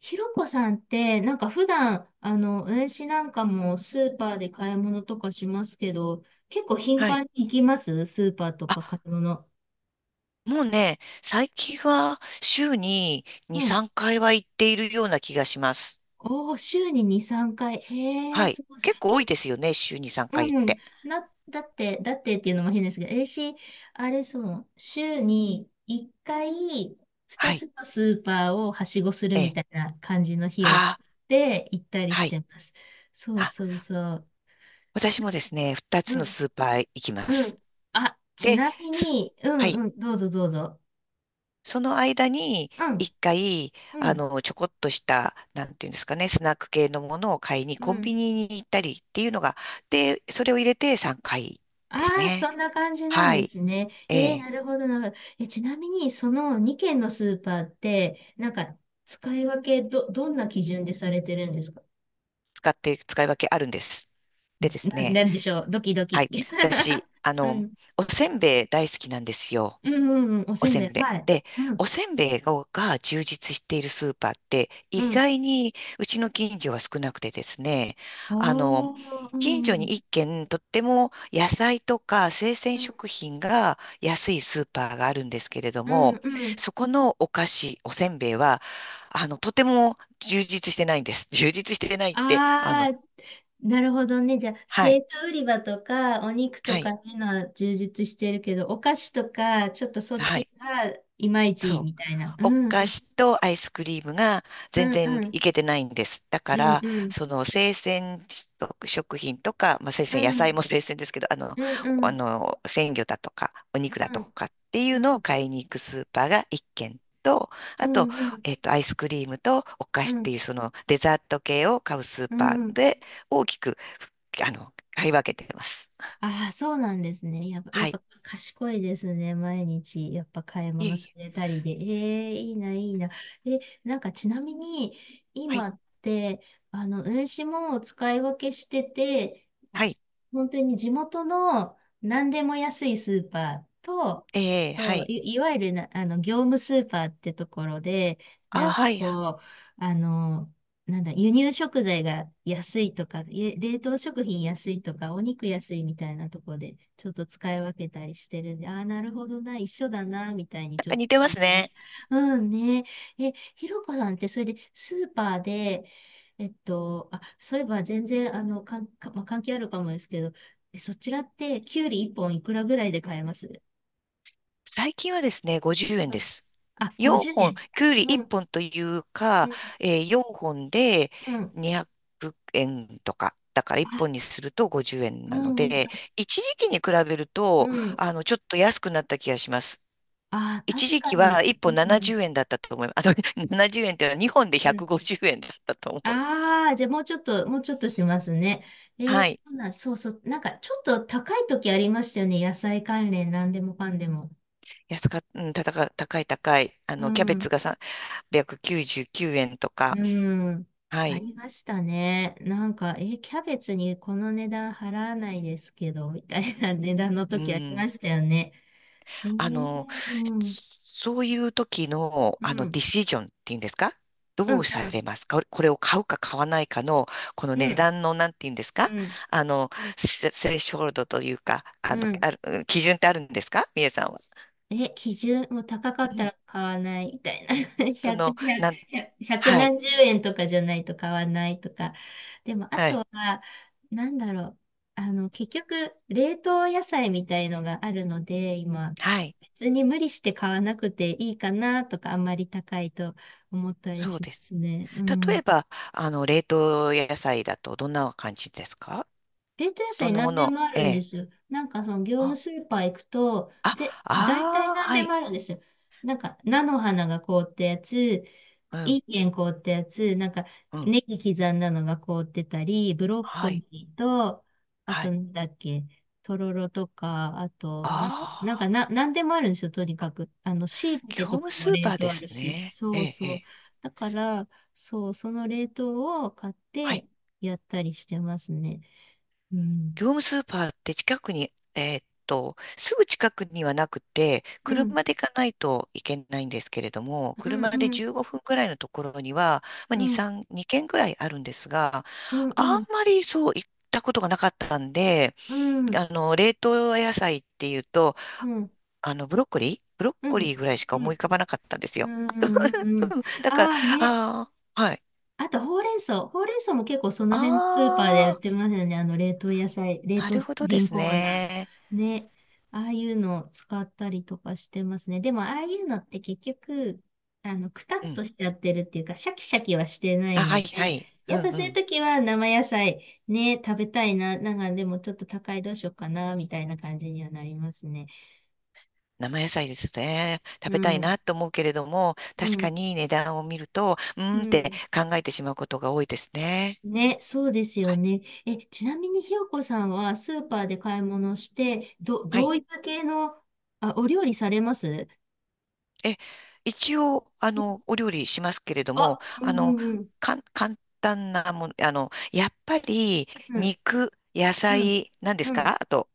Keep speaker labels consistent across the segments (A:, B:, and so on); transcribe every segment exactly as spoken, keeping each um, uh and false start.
A: ひろこさんって、なんか普段、あの、私なんかもスーパーで買い物とかしますけど、結構頻
B: はい。
A: 繁に行きますスーパーと
B: あ、
A: か買い物。
B: もうね、最近は週に
A: う
B: に、
A: ん。
B: さんかいは行っているような気がします。
A: おー、週にに、さんかい。へえ、
B: はい。
A: すごいすごい。
B: 結構
A: け、
B: 多いですよね、週にさんかい行っ
A: うん。
B: て。
A: な、だって、だってっていうのも変ですけど、私、あれそう、週にいっかい、2
B: はい。
A: つのスーパーをはしごする
B: え
A: み
B: え。
A: たいな感じの日
B: あ
A: を作
B: あ、
A: って行ったり
B: は
A: し
B: い。
A: てます。そう
B: あ、
A: そうそう。
B: 私もですね、ふたつ
A: う
B: の
A: ん
B: スーパーへ行きま
A: う
B: す。
A: ん。あ、ち
B: で、
A: なみ
B: す
A: に、うん
B: はい。
A: うん、どうぞどうぞ。
B: その間に、
A: うん、
B: いっかい、
A: う
B: あ
A: ん、
B: の、ちょこっとした、なんていうんですかね、スナック系のものを買いに
A: う
B: コン
A: ん。
B: ビニに行ったりっていうのが、で、それを入れてさんかいです
A: ああ、
B: ね。
A: そんな感じなん
B: は
A: で
B: い。
A: すね。
B: え
A: えー、
B: え、
A: なるほど、なるほど。え、ちなみに、そのに軒のスーパーって、なんか、使い分け、ど、どんな基準でされてるんですか？
B: 使って、使い分けあるんです。でです
A: な、
B: ね。
A: なんでしょう、ドキド
B: は
A: キ。
B: い。私、あ
A: う
B: の、
A: ん、
B: おせんべい大好きなんですよ。
A: うん、うん、うんお
B: お
A: せん
B: せ
A: べ
B: ん
A: い。
B: べい。
A: はい。
B: で、
A: う
B: お
A: ん、
B: せんべいが充実しているスーパーって
A: う
B: 意
A: ん。
B: 外にうちの近所は少なくてですね、あの、
A: おー、う
B: 近所
A: ん、
B: に一軒とっても野菜とか生鮮
A: うん、
B: 食品が安いスーパーがあるんですけれど
A: う
B: も、
A: ん、うん。
B: そこのお菓子、おせんべいは、あの、とても充実してないんです。充実してないって、あ
A: あ
B: の、
A: あ、なるほどね。じゃあ
B: は
A: 生
B: い、
A: 地売り場とかお肉と
B: は
A: か
B: い、
A: のは充実してるけど、お菓子とかちょっとそっ
B: は
A: ち
B: い。
A: がいまいち
B: そう。
A: みたいな。う
B: お
A: んう
B: 菓
A: ん
B: 子とアイスクリームが
A: う
B: 全
A: ん
B: 然
A: うん
B: いけてないんです。だか
A: う
B: ら、
A: ん
B: その生鮮食品とか、まあ、生
A: う
B: 鮮、野菜
A: ん
B: も生鮮ですけど、あの、
A: うんうんう
B: あ
A: ん
B: の、鮮魚だとか、お肉だ
A: う
B: と
A: ん
B: かっていう
A: う
B: のを買いに行くスーパーが一軒と、
A: ん
B: あと、えっと、アイスクリームとお菓
A: う
B: 子っ
A: ん
B: ていうそのデザート系を買うスー
A: う
B: パ
A: んう
B: ー
A: ん。
B: で大きく、あの、買い分けてます。
A: ああ、そうなんですね。やっぱ、や
B: は
A: っ
B: い。
A: ぱ賢いですね。毎日、やっぱ買い
B: いえ
A: 物さ
B: いえ。
A: れたりで。ええいいな、いいな。え、なんかちなみに、
B: は
A: 今
B: い。
A: って、あの、運指も使い分けしてて、
B: はい。
A: 本当に地元の何でも安いスーパーと、
B: ええ、は
A: と
B: い。
A: い、いわゆるな、あの、業務スーパーってところで、な
B: あ、
A: んか
B: はい。な
A: こう、あの、なんだ、輸入食材が安いとか、い冷凍食品安いとか、お肉安いみたいなとこで、ちょっと使い分けたりしてるんで、ああ、なるほどな、一緒だな、みたいに
B: ん
A: ちょっ
B: か似て
A: と
B: ま
A: 聞い
B: す
A: てまし
B: ね。
A: た。うんね。え、ひろこさんって、それでスーパーで、えっと、あ、そういえば全然、あの、かん、かまあ、関係あるかもですけど、えそちらって、きゅうりいっぽんいくらぐらいで買えます？
B: 最近はですね、ごじゅうえん
A: う
B: で
A: ん
B: す。
A: あ、
B: 4
A: 50
B: 本、
A: 円。
B: きゅうり
A: う
B: 1
A: ん、
B: 本という
A: う
B: か、
A: ん、
B: えー、よんほんで
A: うん。
B: にひゃくえんとか。だから1
A: あ、
B: 本にするとごじゅうえん
A: う
B: なの
A: ん、うん、
B: で、一時期に比べる
A: う
B: と、
A: ん。
B: あの、ちょっと安くなった気がします。
A: ああ、
B: 一
A: 確
B: 時
A: か
B: 期は
A: に。
B: 1
A: う
B: 本
A: ん。
B: ななじゅうえんだったと思います。あの、ななじゅうえんっていうのはにほんで
A: うん。
B: ひゃくごじゅうえんだったと思う。
A: ああ、じゃあもうちょっと、もうちょっとしますね。えー、
B: は
A: そ
B: い。
A: うなん、そうそう。なんかちょっと高い時ありましたよね。野菜関連、なんでもかんでも。
B: 安か、うん、たたか、高い高い。あ
A: う
B: の、キャベツ
A: ん。
B: がさんびゃくきゅうじゅうきゅうえんとか。
A: うん。
B: は
A: あ
B: い。
A: りましたね。なんか、えーキャベツにこの値段払わないですけど、みたいな 値段の
B: う
A: 時あり
B: ん。
A: ましたよね。え
B: あの、
A: ー、うん。
B: そういう時の、
A: う
B: あの、ディ
A: ん。
B: シジョンっていうんですか？
A: う
B: どうさ
A: ん。
B: れますか？これを買うか買わないかの、この
A: う
B: 値
A: ん。
B: 段の、なんていうんです
A: うん。
B: か？
A: うん。
B: あの、セセレショールドというか、あ
A: う
B: の、
A: ん。
B: ある、基準ってあるんですか、みえさんは？
A: え、基準もう高かっ
B: う
A: た
B: ん。
A: ら買わないみたいな。
B: そ
A: ひゃく、
B: の、
A: いち
B: なん、はい、
A: 何十円とかじゃないと買わないとか。でも、あ
B: は
A: と
B: い、
A: は、なんだろう。あの、結局、冷凍野菜みたいのがあるので、今、
B: はい。
A: 別に無理して買わなくていいかなとか、あんまり高いと思ったり
B: そう
A: しま
B: です。
A: すね。う
B: 例
A: ん。
B: えば、あの、冷凍野菜だとどんな感じですか？
A: 冷凍野
B: ど
A: 菜
B: んなも
A: 何で
B: の？
A: もあ
B: え
A: るんで
B: え。
A: すよ。なんか、その、業務
B: あ
A: スーパー行くと、
B: あ
A: ぜ、大体
B: あ
A: 何
B: ー、は
A: でも
B: い。
A: あるんですよ。なんか、菜の花が凍ったやつ、い
B: うん、
A: い健ん凍ったやつ、なんか、
B: うん、
A: ネギ刻んだのが凍ってたり、ブロッコ
B: はい、
A: リーと、あ
B: は
A: と、
B: い。
A: なんだっけ、とろろとか、あと、なんか、なん
B: あ
A: か
B: あ。
A: な、なんでもあるんですよ、とにかく。あの、椎
B: 業
A: 茸と
B: 務
A: かも
B: スーパ
A: 冷
B: ーで
A: 凍あ
B: す
A: るし、
B: ね。え
A: そう
B: え、え
A: そう。
B: え。
A: だから、そう、その冷凍を買っ
B: はい。
A: てやったりしてますね。うん。
B: 業務スーパーって近くに、えーっと、すぐ近くにはなくて、
A: うん、
B: 車で行かないといけないんですけれども、
A: うん、
B: 車で
A: うん、
B: じゅうごふんくらいのところには、まあ、
A: う
B: に、
A: ん、
B: さん、に軒くらいあるんですが、
A: うん、
B: あ
A: うん、
B: んまりそう行ったことがなかったんで、
A: うん、
B: あの、冷凍野菜っていうと、
A: うん、うん、
B: あの、ブロッコリーブロッ
A: う
B: コリ
A: ん、
B: ーぐらいしか
A: う
B: 思
A: ん、
B: い浮かばなかったんです
A: う
B: よ。
A: ん、うん。
B: うんだから、
A: ああね。
B: ああ、はい。
A: あと、ほうれん草。ほうれん草も結構その
B: あ
A: 辺のスーパーで売っ
B: あ、
A: てますよね。あの、冷凍野菜、冷
B: な
A: 凍
B: るほ
A: 食
B: どで
A: 品
B: す
A: コーナ
B: ね。
A: ー。ね。ああいうのを使ったりとかしてますね。でも、ああいうのって結局、あの、くた
B: う
A: っ
B: ん。
A: としちゃってるっていうか、シャキシャキはしてな
B: あ、
A: い
B: は
A: の
B: いは
A: で、
B: い。う
A: や
B: ん
A: っぱ
B: う
A: そういう
B: ん。
A: 時は生野菜ね、食べたいな。なんか、でもちょっと高いどうしようかな、みたいな感じにはなりますね。
B: 生野菜ですね。食
A: う
B: べたい
A: ん。
B: なと思うけれども、
A: う
B: 確か
A: ん。
B: に値段を見ると、うー
A: う
B: んって
A: ん。
B: 考えてしまうことが多いですね。
A: ね、そうですよ
B: はい。
A: ね。え、ちなみにひよこさんはスーパーで買い物して、ど、
B: は
A: ど
B: い。
A: ういった系の、あ、お料理されます？
B: え、一応、あの、お料理しますけれど
A: あ、
B: も、
A: う
B: あの、
A: んうん
B: かん、簡単なもの、あの、やっぱり、
A: うん、
B: 肉、野
A: うん、
B: 菜、何で
A: う
B: す
A: ん、うん。
B: か？あと、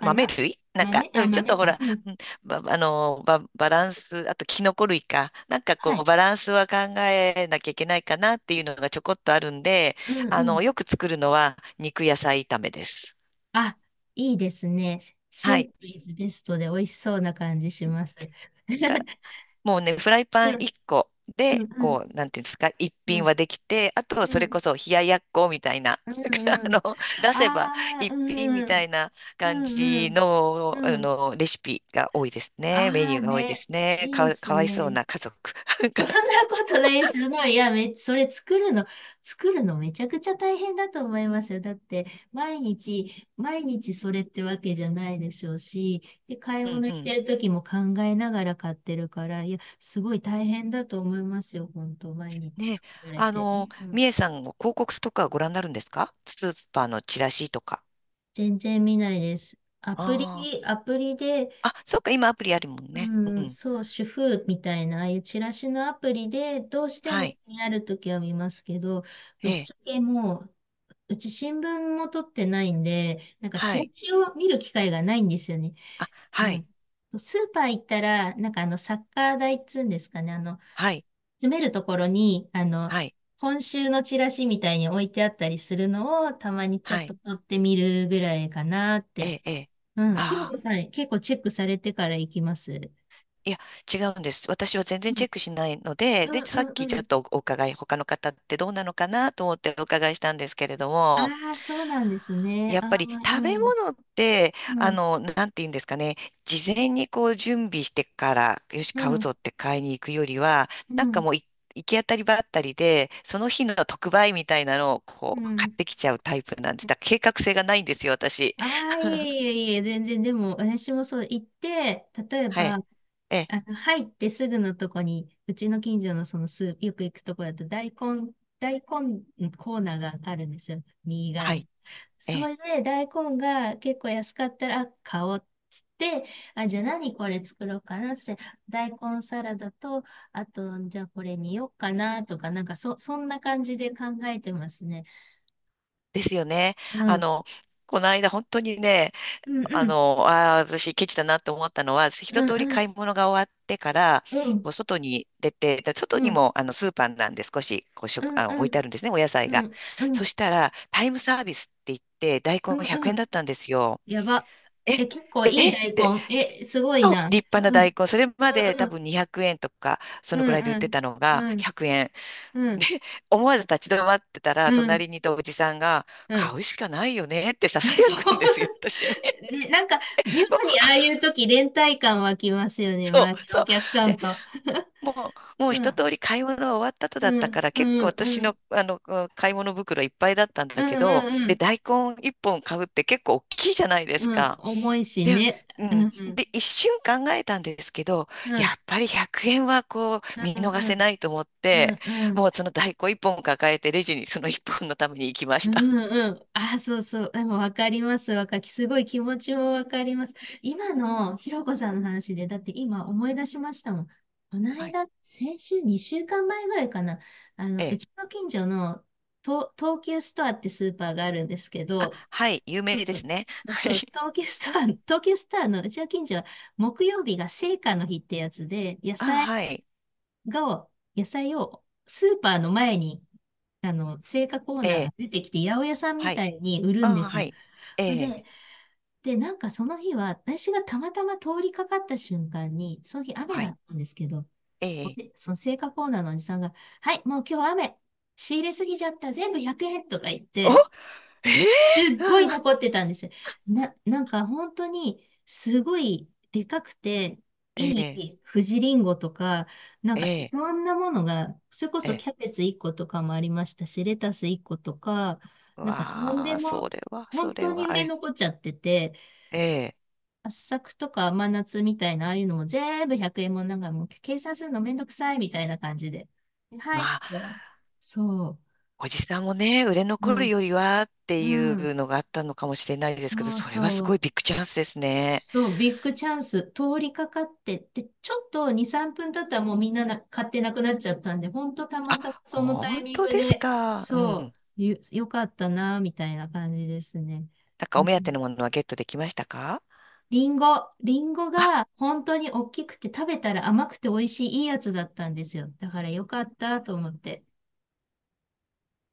B: 豆類なんか、
A: 豆
B: う
A: あ、
B: ん、ちょっ
A: 豆
B: とほ
A: か。
B: ら、
A: うん。
B: うんば、あの、ば、バランス、あとキノコ類か。なんか
A: は
B: こう、
A: い。
B: バランスは考えなきゃいけないかなっていうのがちょこっとあるんで、
A: うん
B: あ
A: う
B: の、
A: ん。
B: よく作るのは肉野菜炒めです。
A: あ、いいですね。シ
B: は
A: ン
B: い。
A: プルイズベストで美味しそうな感じします。
B: だ もうね、フライパン
A: う
B: 1
A: ん、
B: 個
A: う
B: で、
A: ん、うん、
B: こう、なんていうんですか、一
A: う
B: 品
A: ん、
B: はできて、あとは
A: う
B: それ
A: ん、
B: こそ冷ややっこみたいな、
A: うん、
B: あ
A: うん。
B: の、出せば
A: ああ、
B: 一
A: う
B: 品
A: ん、
B: み
A: う
B: た
A: ん、
B: いな感
A: う
B: じ
A: ん、うん。
B: の、
A: う
B: あ
A: ん
B: の、レシピが多いですね。メ
A: あ
B: ニ
A: あ
B: ューが多いで
A: ね、
B: すね。
A: いい
B: か
A: で
B: わ、
A: す
B: かわいそう
A: ね。
B: な家族。
A: そんなことないですよ。いや、め、それ作るの、作るのめちゃくちゃ大変だと思いますよ。だって、毎日、毎日それってわけじゃないでしょうし、で、買い
B: うん
A: 物行
B: う
A: って
B: ん。
A: る時も考えながら買ってるから、いや、すごい大変だと思いますよ。本当、毎日
B: ね、
A: 作られ
B: あ
A: て。
B: の、
A: うん
B: みえさんも広告とかご覧になるんですか、スーパーのチラシとか？
A: 全然見ないです。アプリ、
B: あ
A: アプリで、
B: あ。あ、そっか、今アプリあるもんね。
A: う
B: う
A: ん、
B: ん。
A: そう、主婦みたいな、ああいうチラシのアプリで、どうして
B: は
A: も
B: い。
A: 気になるときは見ますけど、ぶ
B: え
A: っ
B: え。
A: ちゃけもう、うち新聞も取ってないんで、なんか
B: は
A: チラ
B: い。
A: シを見る機会がないんですよね。
B: あ、は
A: う
B: い。
A: ん。スーパー行ったら、なんかあの、サッカー台っつうんですかね、あの、
B: はい。
A: 詰めるところに、あの、
B: はい。
A: 今週のチラシみたいに置いてあったりするのを、たまにちょ
B: は
A: っと
B: い。
A: 取ってみるぐらいかなっ
B: え
A: て。
B: え、ええ。
A: うん。ひろ
B: ああ、
A: こさん、結構チェックされてから行きます？
B: いや、違うんです。私は全然チェックしないの
A: う
B: で、で、さっ
A: んう
B: き
A: ん
B: ち
A: う
B: ょっ
A: ん。
B: とお伺い、他の方ってどうなのかなと思ってお伺いしたんですけれども、
A: ああ、そうなんですね。
B: やっぱ
A: ああ、
B: り
A: う
B: 食べ
A: ん、
B: 物って、
A: う
B: あ
A: ん、
B: の、なんて言うんですかね、事前にこう準備してから、よし、
A: う
B: 買うぞ
A: ん、
B: って買いに行くよりは、
A: う
B: なんか
A: ん、
B: もうい行き当たりばったりで、その日の特売みたいなのを
A: う
B: こう買っ
A: ん。
B: てきちゃうタイプなんです。だから計画性がないんですよ、私。
A: ああ、いえいえいえ、全然、でも、私もそう、行って、例え
B: は
A: ば、
B: い。ええ、
A: あの、入ってすぐのとこに、うちの近所のそのスー、よく行くとこだと大根、大根コーナーがあるんですよ。右側に。
B: はい。え
A: そ
B: え、
A: れで大根が結構安かったら、あ、買おうっつって、あ、じゃあ何これ作ろうかなっつって、大根サラダと、あと、じゃあこれによっかなとか、なんかそ、そんな感じで考えてますね。
B: ですよね。
A: う
B: あ
A: ん。
B: の、この間本当にね、
A: うんう
B: あ
A: ん。
B: の、ああ、私ケチだなって思ったのは、一
A: うん
B: 通り
A: うん。
B: 買い物が終わってから、
A: うん
B: こう外に出て、で外
A: う
B: に
A: ん。
B: もあのスーパーなんで少しこう食、
A: うん
B: あ、
A: う
B: 置いてあ
A: ん。
B: るんですね、お野菜
A: う
B: が。
A: んう
B: そ
A: ん。
B: したら、タイムサービスって言って、大
A: う
B: 根
A: ん
B: 100
A: う
B: 円
A: ん。
B: だったんですよ。
A: やば。
B: え、
A: え、結構いい
B: えっ
A: 大
B: て、
A: 根。え、すごい
B: あ、
A: な。
B: 立派な
A: うん。
B: 大根、それ
A: う
B: ま
A: ん
B: で
A: う
B: 多
A: ん。
B: 分にひゃくえんとか、そ
A: う
B: の
A: ん
B: くらいで売っ
A: う
B: て
A: ん。
B: たのが
A: うん
B: ひゃくえん。で
A: うん
B: 思わず立ち止まってたら、
A: うん。
B: 隣にいたおじさんが、
A: う
B: 買
A: ん。
B: うしかないよねって ささ や
A: そう。
B: くんですよ、私に。
A: ね、なんか、妙に
B: もう
A: ああいう時連帯感湧きますよね。
B: そう、
A: 周りの
B: そ
A: お
B: う。
A: 客さ
B: で、
A: んと。
B: もう、もう
A: う
B: 一
A: ん。
B: 通り買い物終わった後
A: う
B: だったか
A: ん。
B: ら、
A: う
B: 結構
A: ん。
B: 私
A: うん。
B: の、あの、買い物袋いっぱいだったん
A: う
B: だ
A: ん。
B: けど、
A: うん。う
B: で、
A: ん。
B: 大根一本買うって結構大きいじゃないです
A: うん
B: か。
A: 重いし
B: で、
A: ね。
B: う
A: うん。う
B: ん。
A: ん。
B: で、一瞬考えたんですけど、
A: う
B: や
A: ん。
B: っぱりひゃくえんはこう、見
A: うん。
B: 逃
A: う
B: せ
A: ん。
B: ないと思っ
A: う
B: て、
A: ん。うん
B: もうその大根一本抱えて、レジにその一本のために行きま
A: う
B: した。
A: んうん。あ、そうそう。でもわかります。わかすごい気持ちもわかります。今のひろこさんの話で、だって今思い出しましたもん。この
B: はい。
A: 間、先週にしゅうかんまえぐらいかな。あの、
B: え
A: う
B: え、
A: ちの近所の東東急ストアってスーパーがあるんですけ
B: あ、
A: ど、
B: はい、有
A: そう
B: 名で
A: そ
B: す
A: う。
B: ね。
A: そう
B: はい。
A: そう。東急ストア、東急ストアのうちの近所は木曜日が青果の日ってやつで、野
B: あ、
A: 菜
B: はい。
A: が、野菜をスーパーの前にあの、青果コー
B: え
A: ナー
B: え、
A: が出てきて、八百屋さん
B: は
A: み
B: い。
A: たいに売るんで
B: あ、
A: す
B: は
A: よ。
B: い。え
A: で、
B: え、
A: で、なんかその日は、私がたまたま通りかかった瞬間に、その日雨
B: は
A: だ
B: い。
A: ったんですけど、
B: ええ、
A: でその青果コーナーのおじさんが、はい、もう今日雨、仕入れすぎちゃった、全部ひゃくえんとか言っ
B: お、
A: て、
B: え
A: すっ
B: え、
A: ご
B: う
A: い
B: ん。
A: 残ってたんですよ。な、なんか本当にすごいでかくて
B: え
A: い
B: え、
A: い富士リンゴとか、なん
B: え
A: かい
B: え、
A: ろんなものが、それこ
B: え
A: そ
B: え。
A: キャベツいっことかもありましたし、レタスいっことか、
B: う
A: なんか何
B: わ
A: で
B: あ、そ
A: も
B: れは、そ
A: 本
B: れ
A: 当に
B: は、
A: 売れ
B: え
A: 残っちゃってて、
B: え、ええ。
A: 圧搾とか甘夏みたいな、ああいうのも全部ひゃくえんもんなんかもう計算するのめんどくさいみたいな感じで。では
B: ま
A: いっつったら、
B: あ、
A: そ
B: おじさんもね、売れ
A: う、う
B: 残る
A: ん、
B: よりはってい
A: うん、
B: うのがあったのかもしれないですけど、
A: そう
B: それはす
A: そ
B: ごい
A: う。
B: ビッグチャンスですね。
A: そう、ビッグチャンス、通りかかってって、ちょっとに、さんぷん経ったらもうみんなな買ってなくなっちゃったんで、ほんとたまたまそのタイ
B: 本
A: ミン
B: 当
A: グ
B: です
A: で、
B: か？うん。
A: そ
B: な
A: う、よ、よかったな、みたいな感じですね。
B: ん
A: う
B: かお目当
A: ん
B: てのものはゲットできましたか？
A: リンゴ、リンゴが本当に大きくて食べたら甘くて美味しいいいやつだったんですよ。だからよかったと思って。